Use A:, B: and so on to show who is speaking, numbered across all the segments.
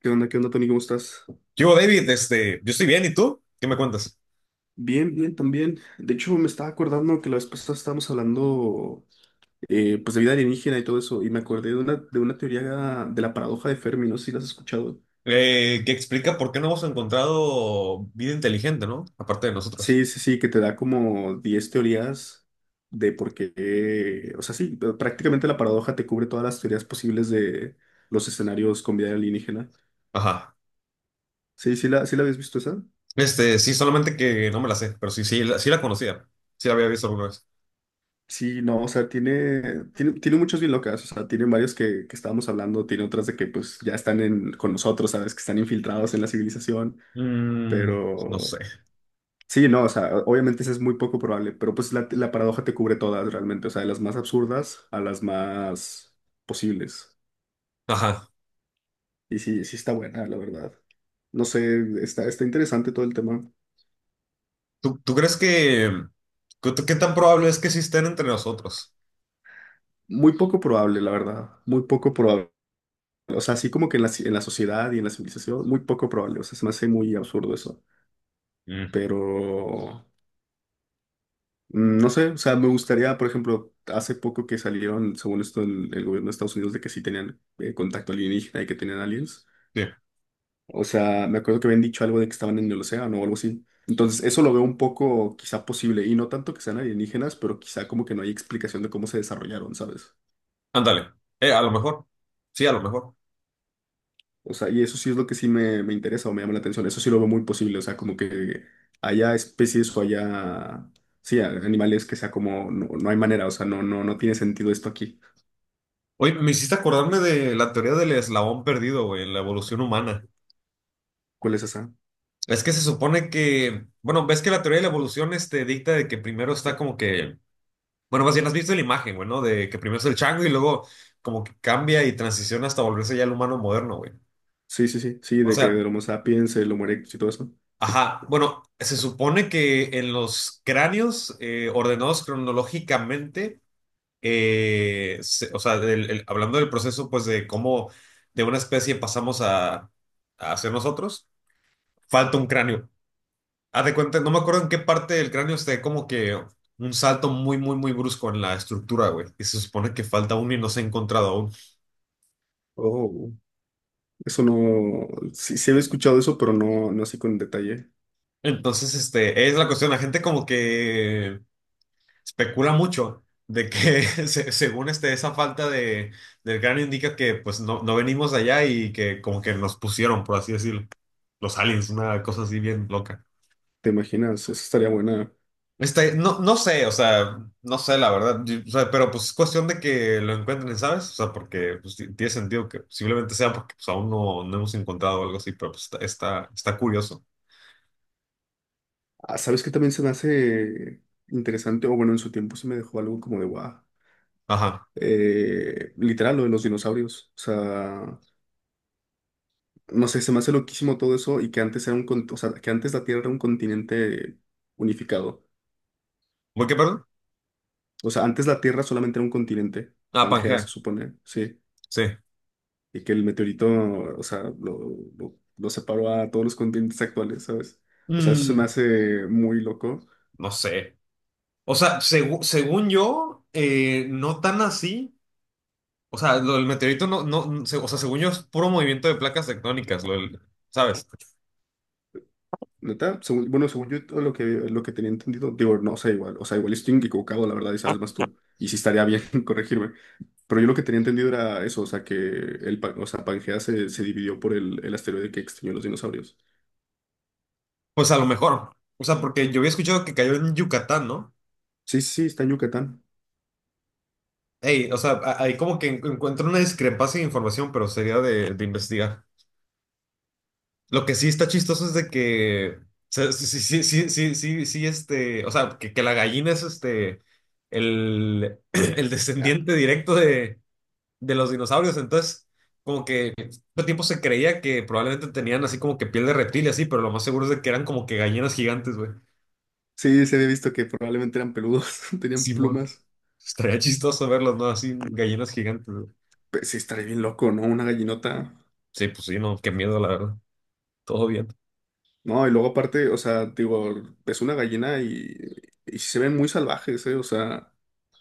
A: ¿Qué onda? ¿Qué onda, Tony? ¿Cómo estás?
B: ¿Qué hubo, David? Yo estoy bien, ¿y tú? ¿Qué me cuentas?
A: Bien, bien, también. De hecho, me estaba acordando que la vez pasada estábamos hablando pues de vida alienígena y todo eso, y me acordé de de una teoría de la paradoja de Fermi, no sé si la has escuchado.
B: Que explica por qué no hemos encontrado vida inteligente, ¿no? Aparte de nosotros.
A: Sí, sí, sí, que te da como 10 teorías de por qué, o sea, sí, prácticamente la paradoja te cubre todas las teorías posibles de los escenarios con vida alienígena.
B: Ajá.
A: Sí, sí la habías visto esa.
B: Sí, solamente que no me la sé, pero sí, sí, sí la conocía. Sí la había visto alguna vez.
A: Sí, no, o sea, tiene muchos bien locas, o sea, tiene varios que estábamos hablando, tiene otras de que pues ya están con nosotros, ¿sabes? Que están infiltrados en la civilización,
B: Mm, no sé.
A: pero sí, no, o sea, obviamente eso es muy poco probable, pero pues la paradoja te cubre todas realmente, o sea, de las más absurdas a las más posibles.
B: Ajá.
A: Y sí, sí está buena, la verdad. No sé, está interesante todo el tema.
B: ¿Tú crees que... ¿Qué tan probable es que sí estén entre nosotros?
A: Muy poco probable, la verdad, muy poco probable. O sea, así como que en la sociedad y en la civilización, muy poco probable. O sea, se me hace muy absurdo eso.
B: Mm,
A: Pero no sé, o sea, me gustaría, por ejemplo, hace poco que salieron, según esto, el gobierno de Estados Unidos de que sí tenían contacto alienígena y que tenían aliens.
B: sí.
A: O sea, me acuerdo que habían dicho algo de que estaban en el océano o algo así. Entonces, eso lo veo un poco quizá posible, y no tanto que sean alienígenas, pero quizá como que no hay explicación de cómo se desarrollaron, ¿sabes?
B: Ándale. A lo mejor. Sí, a lo mejor.
A: O sea, y eso sí es lo que sí me interesa o me llama la atención, eso sí lo veo muy posible, o sea, como que haya especies o haya, sí, animales que sea como, no, no hay manera, o sea, no, no, no tiene sentido esto aquí.
B: Oye, me hiciste acordarme de la teoría del eslabón perdido, güey, en la evolución humana.
A: ¿Cuál es esa?
B: Es que se supone que, bueno, ves que la teoría de la evolución dicta de que primero está como que, bueno, más bien has visto la imagen, güey, ¿no? De que primero es el chango y luego como que cambia y transiciona hasta volverse ya el humano moderno, güey.
A: Sí, sí, sí, sí,
B: O
A: de que
B: sea,
A: del Homo sapiens, el Homo erectus y todo eso.
B: ajá, bueno, se supone que en los cráneos ordenados cronológicamente, o sea, hablando del proceso, pues de cómo de una especie pasamos a ser nosotros, falta un cráneo. Haz de cuenta, no me acuerdo en qué parte del cráneo esté como que un salto muy, muy, muy brusco en la estructura, güey. Y se supone que falta uno y no se ha encontrado aún.
A: Oh, eso no, sí, sí había escuchado eso, pero no, no así con detalle.
B: Entonces, es la cuestión. La gente como que especula mucho de que según esa falta del cráneo indica que pues no, no venimos de allá y que como que nos pusieron, por así decirlo, los aliens, una cosa así bien loca.
A: ¿Te imaginas? Eso estaría buena.
B: No, no sé, o sea, no sé la verdad. O sea, pero pues es cuestión de que lo encuentren, ¿sabes? O sea, porque pues, tiene sentido que posiblemente sea porque pues, aún no, no hemos encontrado algo así, pero pues está curioso.
A: Ah, ¿sabes qué también se me hace interesante? O bueno, en su tiempo se me dejó algo como de guau.
B: Ajá.
A: Literal, lo de los dinosaurios. O sea, no sé, se me hace loquísimo todo eso y que antes era o sea, que antes la Tierra era un continente unificado.
B: ¿Voy qué, perdón?
A: O sea, antes la Tierra solamente era un continente.
B: Ah,
A: Pangea, se
B: Pangea,
A: supone, sí.
B: sí.
A: Y que el meteorito, o sea, lo separó a todos los continentes actuales, ¿sabes? O sea, eso se me
B: Mm,
A: hace muy loco.
B: no sé. O sea, según yo, no tan así. O sea, lo del meteorito no, no, o sea, según yo es puro movimiento de placas tectónicas, ¿sabes?
A: Neta, bueno, según yo todo lo que tenía entendido, digo, no sé, igual, o sea, igual estoy equivocado, la verdad, y sabes más tú, y sí estaría bien corregirme, pero yo lo que tenía entendido era eso, o sea, que o sea, Pangea se dividió por el asteroide que extinguió los dinosaurios.
B: Pues a lo mejor. O sea, porque yo había escuchado que cayó en Yucatán, ¿no?
A: Sí, sí, sí, está en Yucatán.
B: Ey, o sea, ahí como que encuentro una discrepancia de información, pero sería de investigar. Lo que sí está chistoso es de que, o sea, sí, sí, sí, sí, sí, sí, sí, o sea, que la gallina es el
A: Ya.
B: descendiente directo de los dinosaurios, entonces, como que todo tiempo se creía que probablemente tenían así como que piel de reptil y así, pero lo más seguro es de que eran como que gallinas gigantes, güey.
A: Sí, se había visto que probablemente eran peludos, tenían
B: Simón,
A: plumas.
B: estaría chistoso verlos, ¿no? Así, gallinas gigantes, güey.
A: Pues sí, estaría bien loco, ¿no? Una gallinota.
B: Sí, pues sí, no, qué miedo, la verdad. Todo bien.
A: No, y luego aparte, o sea, digo, es una gallina y se ven muy salvajes, ¿eh? O sea,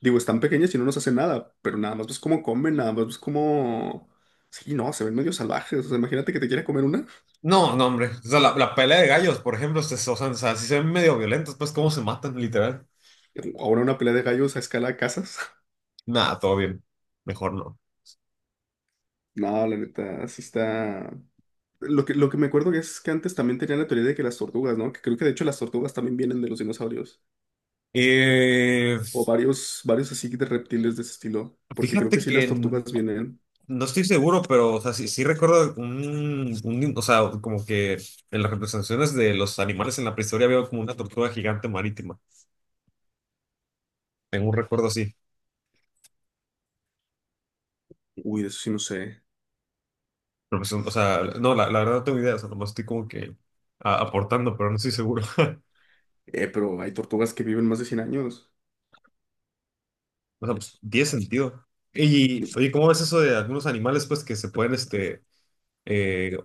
A: digo, están pequeñas y no nos hacen nada, pero nada más ves cómo comen, nada más ves cómo... Sí, no, se ven medio salvajes. O sea, imagínate que te quiera comer una.
B: No, no, hombre. O sea, la pelea de gallos, por ejemplo, o sea, si se ven medio violentos, pues cómo se matan, literal.
A: Ahora una pelea de gallos a escala de casas.
B: Nada, todo bien. Mejor no.
A: No, la neta, sí está... Lo que me acuerdo es que antes también tenían la teoría de que las tortugas, ¿no? Que creo que de hecho las tortugas también vienen de los dinosaurios.
B: Eh,
A: O varios así de reptiles de ese estilo. Porque creo que
B: Fíjate
A: sí
B: que
A: las tortugas vienen...
B: no estoy seguro, pero o sea, sí, sí recuerdo un, o sea, como que en las representaciones de los animales en la prehistoria había como una tortuga gigante marítima. Tengo un recuerdo así.
A: Uy, de eso sí no sé.
B: Pero pues, o sea, no, la verdad no tengo idea, o sea, nomás estoy como que aportando, pero no estoy seguro.
A: Pero hay tortugas que viven más de 100 años.
B: O sea, pues tiene sentido. Y, oye, ¿cómo ves eso de algunos animales, pues, que se pueden, eh,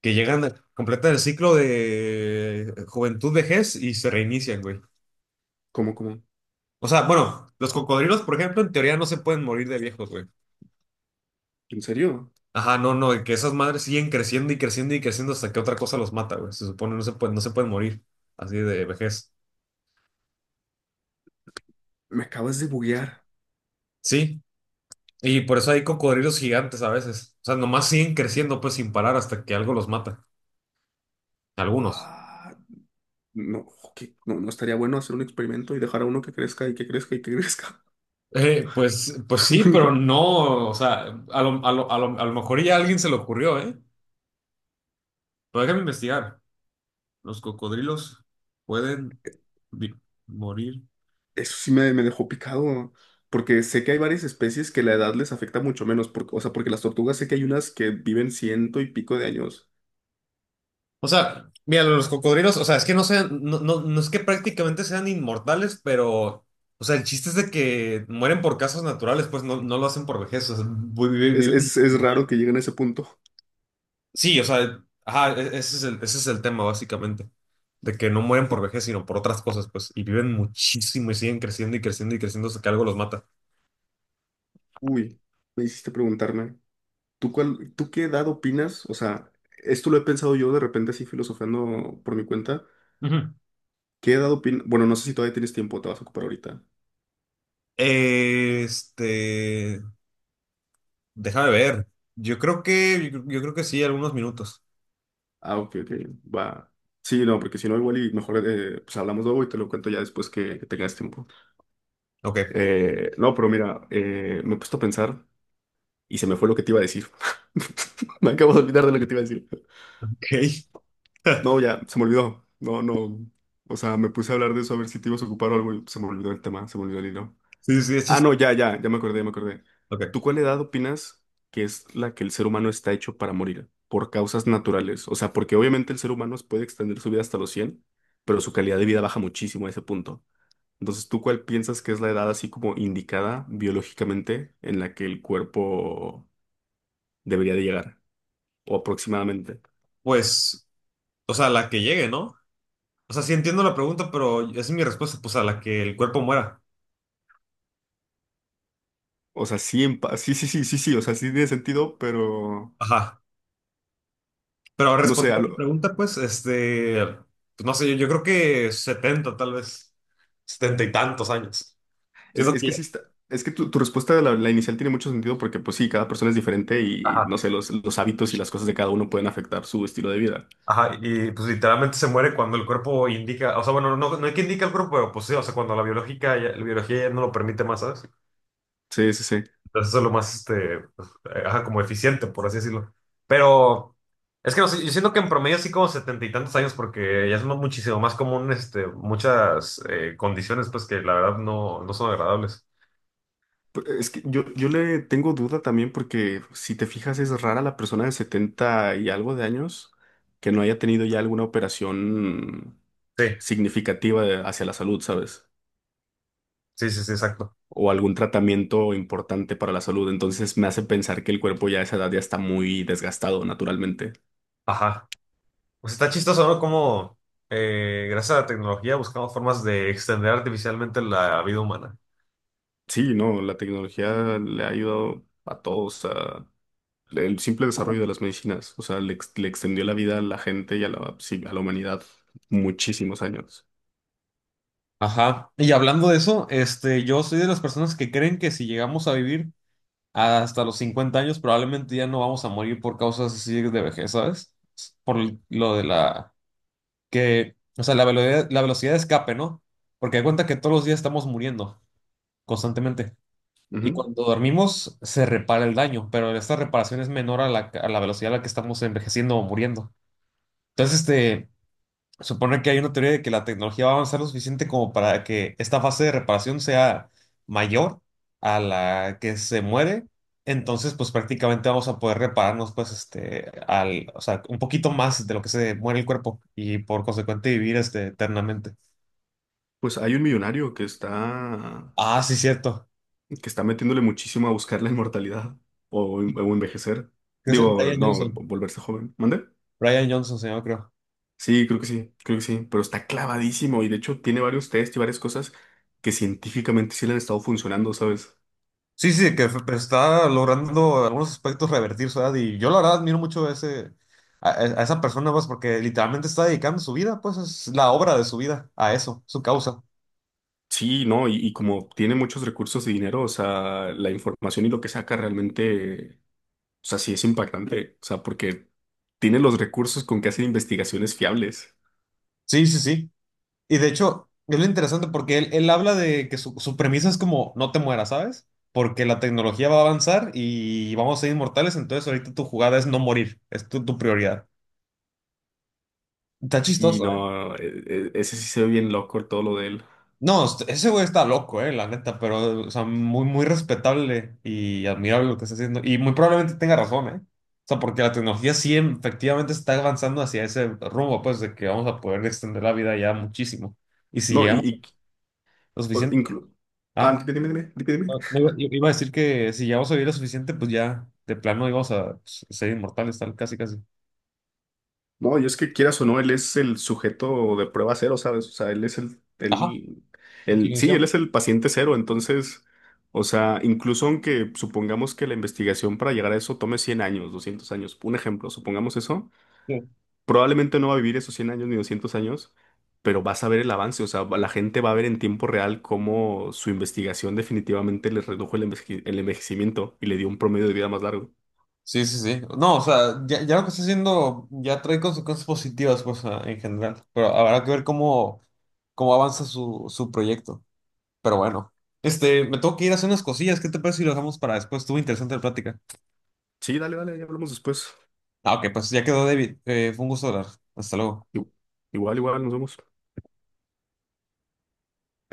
B: que llegan a completar el ciclo de juventud, vejez y se reinician, güey?
A: ¿Cómo, cómo?
B: O sea, bueno, los cocodrilos, por ejemplo, en teoría no se pueden morir de viejos, güey.
A: ¿En serio?
B: Ajá, no, no, que esas madres siguen creciendo y creciendo y creciendo hasta que otra cosa los mata, güey. Se supone no se pueden morir así de vejez.
A: Me acabas de buguear.
B: Sí, y por eso hay cocodrilos gigantes a veces. O sea, nomás siguen creciendo, pues, sin parar hasta que algo los mata. Algunos.
A: What? No, ¿qué? No, no estaría bueno hacer un experimento y dejar a uno que crezca y que crezca y que crezca.
B: Pues, sí, pero no, o sea, a lo mejor ya a alguien se le ocurrió, ¿eh? Pero déjame investigar. Los cocodrilos pueden vi- morir.
A: Eso sí me dejó picado, porque sé que hay varias especies que la edad les afecta mucho menos, porque, o sea, porque las tortugas sé que hay unas que viven ciento y pico de años.
B: O sea, mira, los cocodrilos, o sea, es que no sean, no, no, no es que prácticamente sean inmortales, pero, o sea, el chiste es de que mueren por causas naturales, pues no, no lo hacen por vejez, o sea,
A: Es,
B: viven.
A: es, es raro que lleguen a ese punto.
B: Sí, o sea, ajá, ese es el tema básicamente, de que no mueren por vejez, sino por otras cosas, pues, y viven muchísimo y siguen creciendo y creciendo y creciendo hasta que algo los mata.
A: Uy, me hiciste preguntarme. ¿Tú qué edad opinas? O sea, esto lo he pensado yo de repente así filosofando por mi cuenta.
B: Ujú.
A: ¿Qué edad opinas? Bueno, no sé si todavía tienes tiempo, te vas a ocupar ahorita.
B: Este, Déjame ver. Yo creo que sí, algunos minutos.
A: Ah, ok, ok, va. Sí, no, porque si no, igual y mejor pues hablamos luego y te lo cuento ya después que tengas tiempo.
B: Ok,
A: No, pero mira, me he puesto a pensar y se me fue lo que te iba a decir. Me acabo de olvidar de lo que te iba a decir.
B: ok.
A: No, ya, se me olvidó. No, no. O sea, me puse a hablar de eso a ver si te ibas a ocupar o algo y se me olvidó el tema, se me olvidó el hilo.
B: Sí, sí, sí,
A: Ah,
B: chiste.
A: no, ya, ya, ya me acordé, ya me acordé.
B: Ok.
A: ¿Tú cuál edad opinas que es la que el ser humano está hecho para morir? Por causas naturales. O sea, porque obviamente el ser humano puede extender su vida hasta los 100, pero su calidad de vida baja muchísimo a ese punto. Entonces, ¿tú cuál piensas que es la edad así como indicada biológicamente en la que el cuerpo debería de llegar? O aproximadamente.
B: Pues, o sea, la que llegue, ¿no? O sea, sí entiendo la pregunta, pero esa es mi respuesta, pues a la que el cuerpo muera.
A: O sea, sí, sí, sí, sí, sí, sí, o sea, sí tiene sentido, pero
B: Ajá. Pero
A: no sé.
B: respondiendo a tu pregunta, pues, pues, no sé, yo creo que 70 tal vez, 70 y tantos años.
A: Es,
B: Siento
A: es que
B: que,
A: sí está, es que tu respuesta de la inicial tiene mucho sentido porque pues sí, cada persona es diferente y no
B: ajá,
A: sé, los hábitos y las cosas de cada uno pueden afectar su estilo de vida.
B: ajá, y pues literalmente se muere cuando el cuerpo indica, o sea, bueno, no, no hay que indicar el cuerpo, pero pues sí, o sea, cuando la biológica, la biología ya no lo permite más, ¿sabes?
A: Sí, sí, sí.
B: Entonces eso es lo más, ajá, como eficiente, por así decirlo. Pero es que no sé, yo siento que en promedio sí como setenta y tantos años, porque ya es muchísimo más común, muchas condiciones, pues, que la verdad no, no son agradables.
A: Es que yo le tengo duda también porque si te fijas es rara la persona de 70 y algo de años que no haya tenido ya alguna operación
B: Sí,
A: significativa hacia la salud, ¿sabes?
B: sí, sí, sí, exacto.
A: O algún tratamiento importante para la salud. Entonces me hace pensar que el cuerpo ya a esa edad ya está muy desgastado naturalmente.
B: Ajá. Pues está chistoso, ¿no? Como gracias a la tecnología buscamos formas de extender artificialmente la vida humana.
A: Sí, no, la tecnología le ha ayudado a todos, el simple desarrollo de las medicinas, o sea, le extendió la vida a la gente y a la, sí, a la humanidad muchísimos años.
B: Ajá. Y hablando de eso, yo soy de las personas que creen que si llegamos a vivir hasta los 50 años, probablemente ya no vamos a morir por causas así de vejez, ¿sabes? Por lo de la que, o sea, la velocidad de escape, ¿no? Porque hay cuenta que todos los días estamos muriendo constantemente. Y
A: Ujú.
B: cuando dormimos se repara el daño, pero esta reparación es menor a la, velocidad a la que estamos envejeciendo o muriendo. Entonces, supone que hay una teoría de que la tecnología va a avanzar lo suficiente como para que esta fase de reparación sea mayor a la que se muere. Entonces, pues prácticamente vamos a poder repararnos, pues, o sea, un poquito más de lo que se muere el cuerpo y por consecuente vivir, eternamente.
A: Pues hay un millonario que está,
B: Ah, sí, cierto.
A: que está metiéndole muchísimo a buscar la inmortalidad o envejecer.
B: Creo que es
A: Digo,
B: Brian
A: no,
B: Johnson.
A: volverse joven. ¿Mande?
B: Brian Johnson, señor, creo.
A: Sí, creo que sí, creo que sí, pero está clavadísimo y de hecho tiene varios test y varias cosas que científicamente sí le han estado funcionando, ¿sabes?
B: Sí, sí, que pero está logrando algunos aspectos revertir su edad y yo la verdad admiro mucho a ese, a esa persona, pues, porque literalmente está dedicando su vida, pues es la obra de su vida a eso, su causa.
A: Sí, no, y como tiene muchos recursos y dinero, o sea, la información y lo que saca realmente, o sea, sí es impactante, o sea, porque tiene los recursos con que hacer investigaciones fiables.
B: Sí, sí, sí. Y de hecho, es lo interesante porque él habla de que su premisa es como no te mueras, ¿sabes? Porque la tecnología va a avanzar y vamos a ser inmortales, entonces ahorita tu jugada es no morir, es tu prioridad. Está
A: Sí,
B: chistoso, ¿eh?
A: no, ese sí se ve bien loco todo lo de él.
B: No, ese güey está loco, la neta, pero, o sea, muy, muy respetable y admirable lo que está haciendo. Y muy probablemente tenga razón, ¿eh? O sea, porque la tecnología sí efectivamente está avanzando hacia ese rumbo, pues, de que vamos a poder extender la vida ya muchísimo. Y si
A: No,
B: llegamos a lo
A: o-
B: suficiente.
A: inclu- Ah,
B: Ah,
A: dime, dime, dime, dime, dime.
B: no, no iba a decir que si llegamos a vivir lo suficiente, pues ya de plano íbamos a pues, ser inmortales, tal, casi, casi.
A: No, y es que quieras o no, él es el sujeto de prueba cero, ¿sabes? O sea, él es el,
B: Ajá,
A: el,
B: lo que
A: el, sí, él es el paciente cero, entonces, o sea, incluso aunque supongamos que la investigación para llegar a eso tome 100 años, 200 años, un ejemplo, supongamos eso, probablemente no va a vivir esos 100 años ni 200 años, pero vas a ver el avance, o sea, la gente va a ver en tiempo real cómo su investigación definitivamente le redujo el envejecimiento y le dio un promedio de vida más largo.
B: sí, sí, sí. No, o sea, ya, ya lo que está haciendo ya trae consecuencias positivas, pues, en general. Pero habrá que ver cómo avanza su proyecto. Pero bueno, me tengo que ir a hacer unas cosillas. ¿Qué te parece si lo dejamos para después? Estuvo interesante la plática.
A: Sí, dale, dale, ya hablamos después.
B: Ah, ok, pues ya quedó, David. Fue un gusto hablar. Hasta luego.
A: Ig- Igual, igual, nos vemos.